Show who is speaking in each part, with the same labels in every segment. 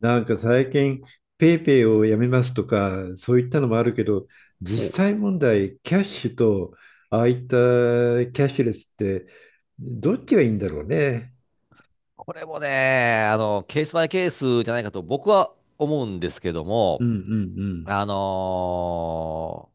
Speaker 1: なんか最近、ペイペイをやめますとか、そういったのもあるけど、
Speaker 2: ほう。
Speaker 1: 実際問題、キャッシュと、ああいったキャッシュレスって、どっちがいいんだろうね。
Speaker 2: これもね、ケースバイケースじゃないかと僕は思うんですけど
Speaker 1: うん
Speaker 2: も、
Speaker 1: うん
Speaker 2: あの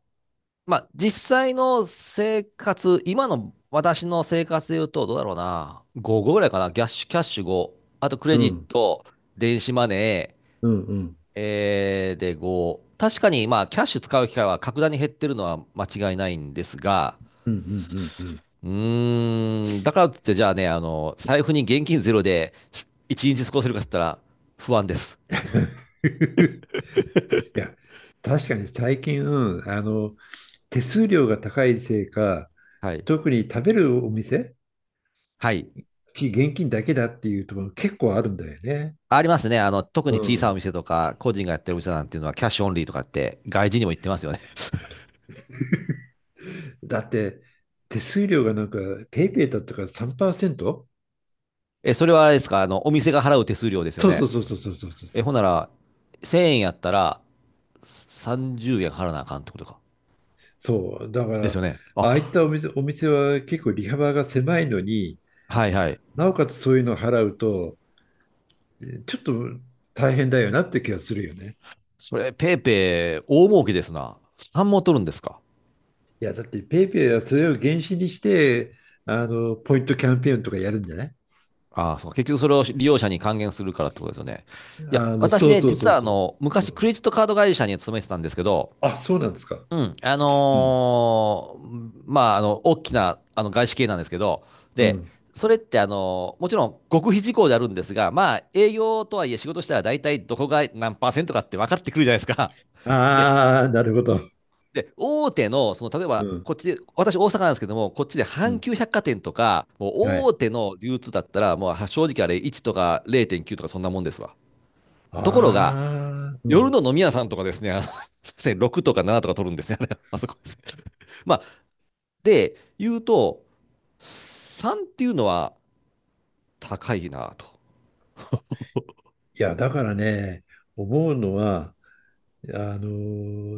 Speaker 2: ーまあ、実際の生活、今の私の生活で言うと、どうだろうな、5ぐらいかな。キャッシュ、キャッシュ5、あとク
Speaker 1: う
Speaker 2: レ
Speaker 1: ん。う
Speaker 2: ジッ
Speaker 1: ん
Speaker 2: ト、電子マネー、
Speaker 1: うんうん
Speaker 2: で5。確かに、まあ、キャッシュ使う機会は格段に減ってるのは間違いないんですが、
Speaker 1: うんうんうんうん。
Speaker 2: だからといって、じゃあね、財布に現金ゼロで一日過ごせるかっつったら不安です。
Speaker 1: いや、確かに最近、うん、手数料が高いせいか、
Speaker 2: はい。
Speaker 1: 特に食べるお店、
Speaker 2: はい。
Speaker 1: 非現金だけだっていうところ結構あるんだよね。
Speaker 2: ありますね。特に小さいお店とか、個人がやってるお店なんていうのは、キャッシュオンリーとかって、外人にも言ってますよね。
Speaker 1: だって、手数料がなんか、ペイペイだったから 3%？
Speaker 2: え、それはあれですか、お店が払う手数料ですよ
Speaker 1: そうそう
Speaker 2: ね。
Speaker 1: そうそうそうそう
Speaker 2: え、
Speaker 1: そう。
Speaker 2: ほんなら、1000円やったら、30円払わなあかんってことか。
Speaker 1: そう、だか
Speaker 2: です
Speaker 1: ら、
Speaker 2: よね。
Speaker 1: あ
Speaker 2: あ、
Speaker 1: あいったお店は結構利幅が狭いのに、
Speaker 2: はいはい。
Speaker 1: なおかつそういうのを払うと、ちょっと大変だよなって気がするよね。
Speaker 2: それ、ペイペイ、大儲けですな。3も取るんですか？
Speaker 1: いや、だってペイペイはそれを原資にして、あの、ポイントキャンペーンとかやるんじゃない？
Speaker 2: ああ、そう、結局それを利用者に還元するからってことですよね。いや、私
Speaker 1: そう
Speaker 2: ね、
Speaker 1: そうそ
Speaker 2: 実
Speaker 1: う
Speaker 2: は
Speaker 1: そう。う
Speaker 2: 昔ク
Speaker 1: ん、
Speaker 2: レジットカード会社に勤めてたんですけど、
Speaker 1: あ、そうなんですか。
Speaker 2: うん、
Speaker 1: うん。
Speaker 2: まあ、大きな、外資系なんですけど、
Speaker 1: う
Speaker 2: で、
Speaker 1: ん。
Speaker 2: それってもちろん極秘事項であるんですが、まあ、営業とはいえ仕事したら大体どこが何パーセントかって分かってくるじゃないですか。で、
Speaker 1: ああ、なるほど。
Speaker 2: で、大手の、例え
Speaker 1: う
Speaker 2: ば、
Speaker 1: ん。
Speaker 2: こっちで、私、大阪なんですけども、こっちで
Speaker 1: う
Speaker 2: 阪
Speaker 1: ん。
Speaker 2: 急百貨店とか、もう
Speaker 1: はい。
Speaker 2: 大手の流通だったら、もう正直あれ、1とか0.9とかそんなもんですわ。ところが、
Speaker 1: ああ、う
Speaker 2: 夜
Speaker 1: ん。
Speaker 2: の飲み屋さんとかですね、ですい6 とか7とか取るんですね、あれ。 あそこですね。まあ、で、言うと、3っていうのは高いなと。
Speaker 1: いや、だからね、思うのは、あの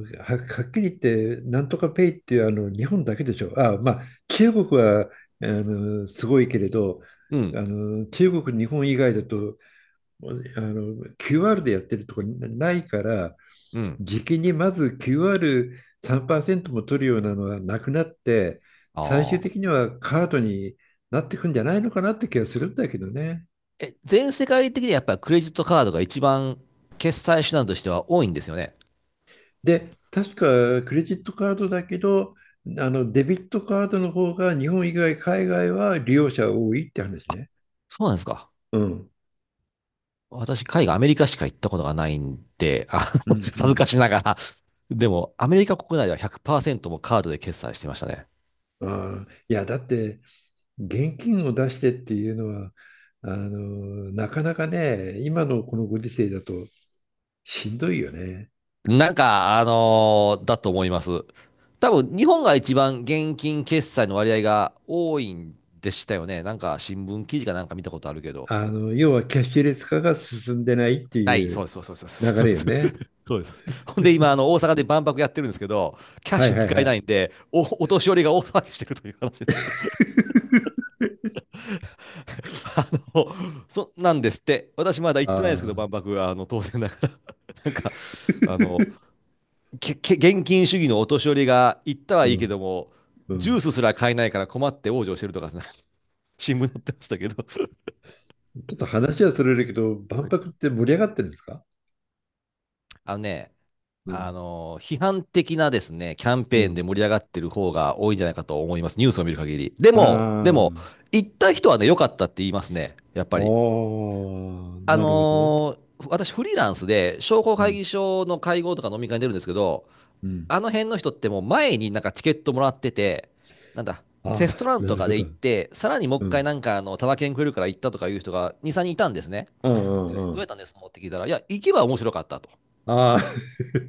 Speaker 1: はっきり言って、なんとかペイってあの日本だけでしょ。あ、まあ、中国はすごいけれど、
Speaker 2: う
Speaker 1: あ
Speaker 2: ん、
Speaker 1: の中国、日本以外だとQR でやってるとこないから、
Speaker 2: うん。
Speaker 1: 時期にまず QR3% も取るようなのはなくなって、最終
Speaker 2: あ
Speaker 1: 的
Speaker 2: あ。
Speaker 1: にはカードになってくんじゃないのかなって気がするんだけどね。
Speaker 2: え、全世界的にやっぱりクレジットカードが一番決済手段としては多いんですよね。
Speaker 1: で、確かクレジットカードだけど、デビットカードの方が日本以外、海外は利用者多いって話ね。
Speaker 2: そうなんですか。
Speaker 1: うん、
Speaker 2: 私、海外、アメリカしか行ったことがないんで、
Speaker 1: うん、
Speaker 2: 恥
Speaker 1: う
Speaker 2: ずか
Speaker 1: ん。
Speaker 2: しながら。でも、アメリカ国内では100%もカードで決済してましたね。
Speaker 1: ああ、いや、だって現金を出してっていうのは、なかなかね、今のこのご時世だとしんどいよね。
Speaker 2: なんか、だと思います。多分、日本が一番現金決済の割合が多いんでしたよね。なんか、新聞記事かなんか見たことあるけど。
Speaker 1: 要はキャッシュレス化が進んでないって
Speaker 2: ない、
Speaker 1: い
Speaker 2: そ
Speaker 1: う
Speaker 2: うです、そうです、
Speaker 1: 流
Speaker 2: そう
Speaker 1: れ
Speaker 2: で
Speaker 1: よ
Speaker 2: す、そうで
Speaker 1: ね。
Speaker 2: す。そうです。ほんで、今、大阪で万博やってるんですけど、キャッ
Speaker 1: はい
Speaker 2: シュ
Speaker 1: はい
Speaker 2: 使
Speaker 1: は
Speaker 2: えな
Speaker 1: い。
Speaker 2: いんで、お年寄りが大騒ぎしてるという話ですけど。あの、なんですって。私まだ行っ
Speaker 1: あ
Speaker 2: てないですけど、
Speaker 1: あ、
Speaker 2: 万博は、当然だから。なんか、あの、現金主義のお年寄りが行ったは
Speaker 1: う
Speaker 2: いいけど
Speaker 1: ん、
Speaker 2: も、
Speaker 1: う
Speaker 2: ジュー
Speaker 1: ん。
Speaker 2: スすら買えないから困って往生してるとか、新聞載ってましたけど。
Speaker 1: ちょっと話はそれるけど、万
Speaker 2: はい、
Speaker 1: 博って盛り上がってるんですか？
Speaker 2: あのね、
Speaker 1: うん。
Speaker 2: 批判的なですね、キャン
Speaker 1: う
Speaker 2: ペーンで
Speaker 1: ん。
Speaker 2: 盛り上がってる方が多いんじゃないかと思います。ニュースを見る限り。で
Speaker 1: あ
Speaker 2: も、
Speaker 1: あ、
Speaker 2: 行った人はね、良かったって言いますね。やっぱり。
Speaker 1: おー、
Speaker 2: あ
Speaker 1: なるほどね。
Speaker 2: のー私フリーランスで商工
Speaker 1: う
Speaker 2: 会
Speaker 1: ん。
Speaker 2: 議所の会合とか飲み会に出るんですけど、
Speaker 1: うん。
Speaker 2: あの辺の人ってもう前になんかチケットもらってて、なんだ、テ
Speaker 1: あ
Speaker 2: ストラ
Speaker 1: あ、
Speaker 2: ン
Speaker 1: な
Speaker 2: と
Speaker 1: る
Speaker 2: か
Speaker 1: ほ
Speaker 2: で
Speaker 1: ど。
Speaker 2: 行って、さらにもう
Speaker 1: う
Speaker 2: 一回
Speaker 1: ん。
Speaker 2: なんかタダ券くれるから行ったとかいう人が2、3人いたんですね。
Speaker 1: う
Speaker 2: で
Speaker 1: ん
Speaker 2: ど
Speaker 1: うんう
Speaker 2: うやっ
Speaker 1: ん。
Speaker 2: たんですのって聞いたら、いや、行けば面白かったと。
Speaker 1: ああ、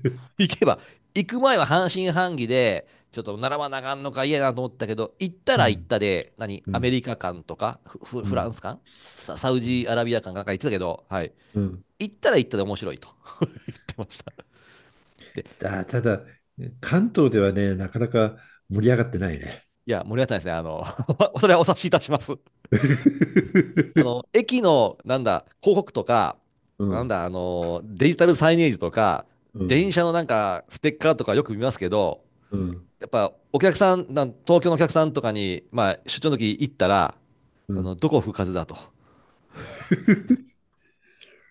Speaker 2: 行けば、行く前は半信半疑で、ちょっと並ばなあかんのか嫌やなと思ったけど、行った
Speaker 1: う
Speaker 2: ら行っ
Speaker 1: ん。
Speaker 2: たで、何、
Speaker 1: う
Speaker 2: アメ
Speaker 1: ん。
Speaker 2: リカ館とか、フ、フ
Speaker 1: う
Speaker 2: フラ
Speaker 1: ん。
Speaker 2: ンス館、サウジアラビア館かなんか行ってたけど、はい。
Speaker 1: うん。
Speaker 2: 行ったら行ったで面白いと 言ってました。で、
Speaker 1: ただ、関東ではね、なかなか盛り上がってないね。
Speaker 2: いや、盛り上がさんですね、それはお察しいたします。駅の、なんだ、広告とか、
Speaker 1: う
Speaker 2: なん
Speaker 1: ん。
Speaker 2: だ、デジタルサイネージとか、
Speaker 1: う
Speaker 2: 電
Speaker 1: ん。
Speaker 2: 車のなんか、ステッカーとかよく見ますけど、
Speaker 1: うん。
Speaker 2: やっぱ、お客さん、東京のお客さんとかに、まあ、出張の時行ったら、
Speaker 1: うん。
Speaker 2: どこ吹かずだと。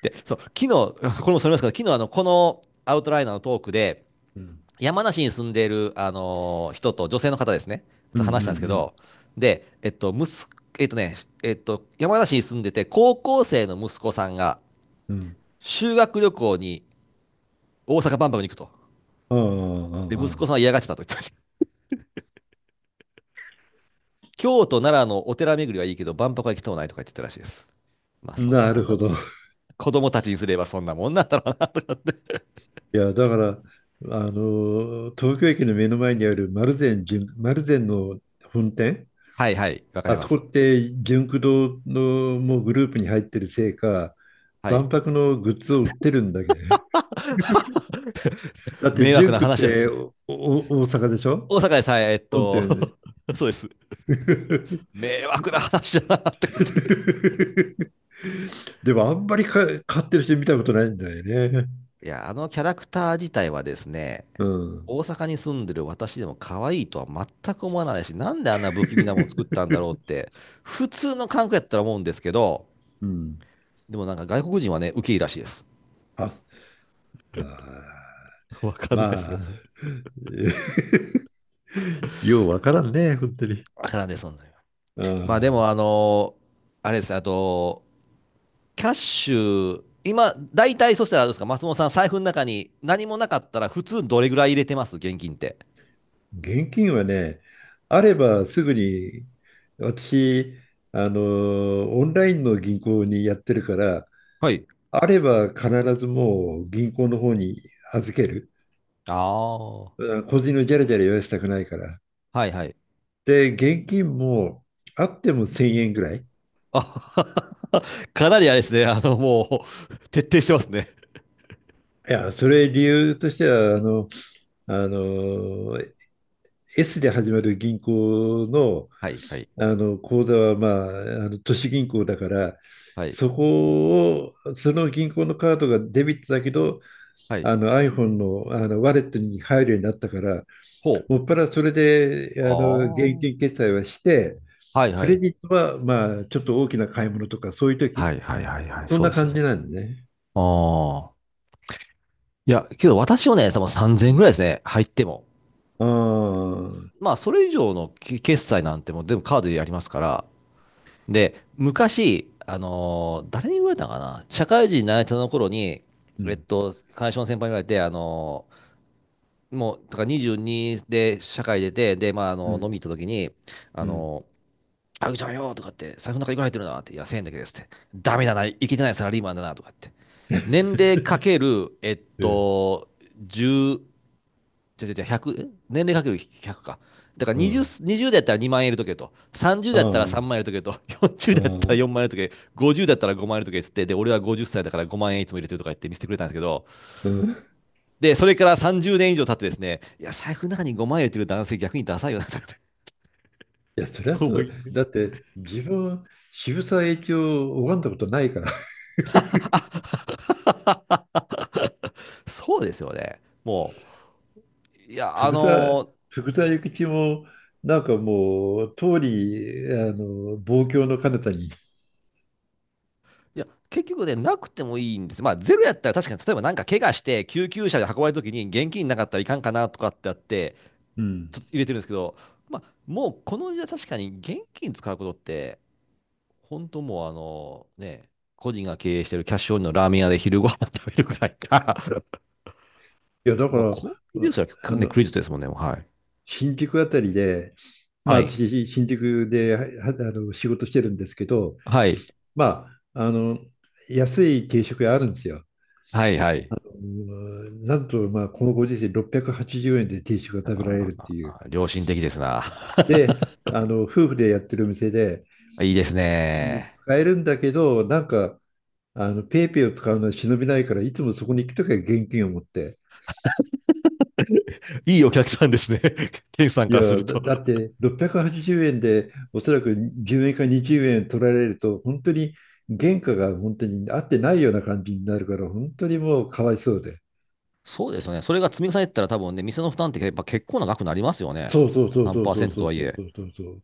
Speaker 2: で、そう、昨日、これもそれますけど、昨日、このアウトライナーのトークで、
Speaker 1: うん。
Speaker 2: 山梨に住んでいる、人と女性の方ですね、
Speaker 1: う
Speaker 2: と
Speaker 1: ん。うん。
Speaker 2: 話し
Speaker 1: う
Speaker 2: たんですけ
Speaker 1: ん。
Speaker 2: ど、で、息子、えっとね、えっと、山梨に住んでて、高校生の息子さんが
Speaker 1: うん。
Speaker 2: 修学旅行に大阪万博に行くと。
Speaker 1: ああ、あ
Speaker 2: で、
Speaker 1: あ、
Speaker 2: 息子
Speaker 1: あ
Speaker 2: さんは嫌がってたと言ってました。京都、奈良のお寺巡りはいいけど、万博は行きとうないとか言ってたらしいです。まあ、
Speaker 1: あ。
Speaker 2: そんな
Speaker 1: な
Speaker 2: も
Speaker 1: る
Speaker 2: ん
Speaker 1: ほ
Speaker 2: な。
Speaker 1: ど。
Speaker 2: 子供たちにすればそんなもんなんだろうな。
Speaker 1: いや、だから、東京駅の目の前にある丸善の本店、
Speaker 2: はいはい、わか
Speaker 1: あ
Speaker 2: りま
Speaker 1: そこ
Speaker 2: す。
Speaker 1: って純駆動のもうグループに入ってるせいか、
Speaker 2: はい。
Speaker 1: 万博のグッズを売ってるんだけど。だって
Speaker 2: 迷惑
Speaker 1: 純
Speaker 2: な
Speaker 1: 駆っ
Speaker 2: 話で
Speaker 1: て
Speaker 2: す。
Speaker 1: おお大阪でしょ？
Speaker 2: 大阪でさえ、
Speaker 1: 本店ね。
Speaker 2: そうです。迷惑な話だなってこと。
Speaker 1: でもあんまり買ってる人見たことないんだよね。
Speaker 2: いや、あのキャラクター自体はですね、
Speaker 1: うん。
Speaker 2: 大阪に住んでる私でも可愛いとは全く思わないし、なんであんな不気味なもの作ったんだろうっ て、普通の韓国やったら思うんですけど、
Speaker 1: うん。
Speaker 2: でもなんか外国人はね、ウケいいらしいです。
Speaker 1: あ、あー
Speaker 2: わかんないです、
Speaker 1: まあ、
Speaker 2: もう。
Speaker 1: ようわからんね、本当に。
Speaker 2: わからんです、そんなの。
Speaker 1: あ
Speaker 2: まあで
Speaker 1: あ、
Speaker 2: も、あれです、あと、キャッシュ、今、大体そしたらあれですか、松本さん、財布の中に何もなかったら、普通どれぐらい入れてます現金って。
Speaker 1: 現金はね、あればすぐに、私、オンラインの銀行にやってるから、
Speaker 2: はい。
Speaker 1: あれば必ずもう銀行の方に預ける。
Speaker 2: ああ、は
Speaker 1: 個人のジャラジャラ言わせたくないから。
Speaker 2: いはい。
Speaker 1: で、現金もあっても1000円ぐらい。
Speaker 2: あ、 かなりあれですね。もう、徹底してますね。
Speaker 1: いや、それ理由としては、あの、S で始まる銀行の、
Speaker 2: はいはい
Speaker 1: あの口座は、まあ、あの都市銀行だから、
Speaker 2: はい。
Speaker 1: そこを、その銀行のカードがデビットだけど、
Speaker 2: はい。
Speaker 1: iPhone の、ワレットに入るようになったから、
Speaker 2: ほ
Speaker 1: もっ
Speaker 2: う。
Speaker 1: ぱらそれで
Speaker 2: あ
Speaker 1: 現金決済はして、
Speaker 2: あ、はい
Speaker 1: ク
Speaker 2: は
Speaker 1: レ
Speaker 2: い。
Speaker 1: ジットは、まあ、ちょっと大きな買い物とか、そういう
Speaker 2: は
Speaker 1: 時
Speaker 2: いはいはいはい。
Speaker 1: そん
Speaker 2: そ
Speaker 1: な
Speaker 2: うですよ
Speaker 1: 感
Speaker 2: ね。
Speaker 1: じなんでね。
Speaker 2: ああ。いや、けど私もね、多分
Speaker 1: う
Speaker 2: 3000円
Speaker 1: ん
Speaker 2: ぐらいですね。入っても。
Speaker 1: ああ、
Speaker 2: まあ、それ以上の決済なんてもう全部カードでやりますから。で、昔、誰に言われたのかな、社会人になれたの頃に、
Speaker 1: うん、
Speaker 2: 会社の先輩に言われて、もう、だから22で社会出て、で、まあ、
Speaker 1: うん、
Speaker 2: 飲み行った時に、あ
Speaker 1: うん、
Speaker 2: のあぐちゃんよとかって、財布の中いくら入ってるなって、いや、1000円だけですって。ダメだな、いけてないサラリーマンだなとかって。年齢かけ る、
Speaker 1: うん、
Speaker 2: 10、じゃ100、年齢かける100か。だから
Speaker 1: う
Speaker 2: 20、
Speaker 1: ん、
Speaker 2: 20だったら2万円入れとけと。30
Speaker 1: あ
Speaker 2: だったら
Speaker 1: あ、
Speaker 2: 3万円入れとけと。40
Speaker 1: あ
Speaker 2: だったら
Speaker 1: あ、
Speaker 2: 4万円入れとけ。50だったら5万円入れとけっつって。で、俺は50歳だから5万円いつも入れてるとか言って見せてくれたんですけど。
Speaker 1: うん。
Speaker 2: で、それから30年以上経ってですね、いや、財布の中に5万円入れてる男性逆にダサいよなとかって
Speaker 1: いや、そりゃ そ
Speaker 2: 思
Speaker 1: う。
Speaker 2: い。
Speaker 1: だって、自分、渋沢栄一を拝んだことないから。
Speaker 2: そうですよね。もう、いや、
Speaker 1: 福沢、福沢諭吉も、なんかもう、通り、望郷の彼方に。
Speaker 2: いや、結局ね、なくてもいいんです。まあ、ゼロやったら確かに、例えばなんか怪我して、救急車で運ばれた時に現金なかったらいかんかなとかってあって、
Speaker 1: うん。
Speaker 2: ちょっと入れてるんですけど、まあ、もうこの時代確かに現金使うことって、本当もうね、個人が経営してるキャッシュオンリーのラーメン屋で昼ご飯食べるくらいか。
Speaker 1: いや、だか
Speaker 2: もう
Speaker 1: ら、
Speaker 2: コンビニですら、
Speaker 1: あ
Speaker 2: ね、ク
Speaker 1: の、
Speaker 2: レジットですもんね、もう、はい。
Speaker 1: 新宿あたりで、ま
Speaker 2: は
Speaker 1: あ、
Speaker 2: い。
Speaker 1: 私、新宿で、は仕事してるんですけど、
Speaker 2: はい。
Speaker 1: まあ、安い定食屋あるんですよ。
Speaker 2: はい、はい。
Speaker 1: うん、なんと、まあ、このご時世680円で定食
Speaker 2: あ
Speaker 1: が食べられるっていう。
Speaker 2: ー、良心的ですな。
Speaker 1: で、夫婦でやってる店で、
Speaker 2: いいですね。
Speaker 1: 使えるんだけど、なんか、ペイペイを使うのは忍びないから、いつもそこに行くときは現金を持って。
Speaker 2: いいお客さんですね。店主さん
Speaker 1: い
Speaker 2: からす
Speaker 1: や、
Speaker 2: る
Speaker 1: だ、だ
Speaker 2: と。
Speaker 1: って680円で、おそらく10円か20円取られると、本当に原価が本当に合ってないような感じになるから、本当にもうかわいそうで。
Speaker 2: そうですよね。それが積み重ねてたら多分ね、店の負担ってやっぱ結構な額になりますよね。
Speaker 1: そうそうそう
Speaker 2: 何
Speaker 1: そう
Speaker 2: パー
Speaker 1: そ
Speaker 2: セ
Speaker 1: う
Speaker 2: ント
Speaker 1: そ
Speaker 2: と
Speaker 1: う
Speaker 2: はい
Speaker 1: そう
Speaker 2: え。
Speaker 1: そうそうそう。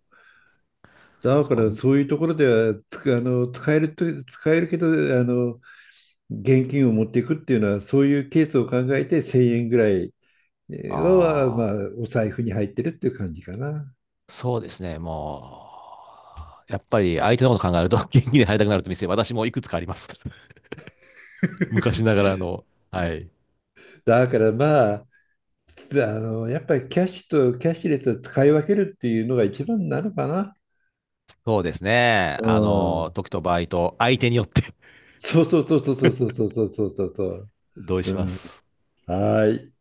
Speaker 1: だ
Speaker 2: そっ
Speaker 1: から
Speaker 2: か、
Speaker 1: そういうところではつあの使えると使えるけどの現金を持っていくっていうのは、そういうケースを考えて1000円ぐらいは、まあ、
Speaker 2: ああ
Speaker 1: お財布に入ってるっていう感じかな。
Speaker 2: ー、そうですね、もう、やっぱり相手のこと考えると、元気で入りたくなると店、私もいくつかあります。昔ながらの、はい。
Speaker 1: だからまあ、やっぱりキャッシュとキャッシュレスを使い分けるっていうのが一番なのかな。
Speaker 2: そうですね、
Speaker 1: うん。
Speaker 2: 時と場合と、相手によって
Speaker 1: そうそうそうそうそうそうそうそうそう。
Speaker 2: 同意
Speaker 1: う
Speaker 2: しま
Speaker 1: ん。
Speaker 2: す。
Speaker 1: はい。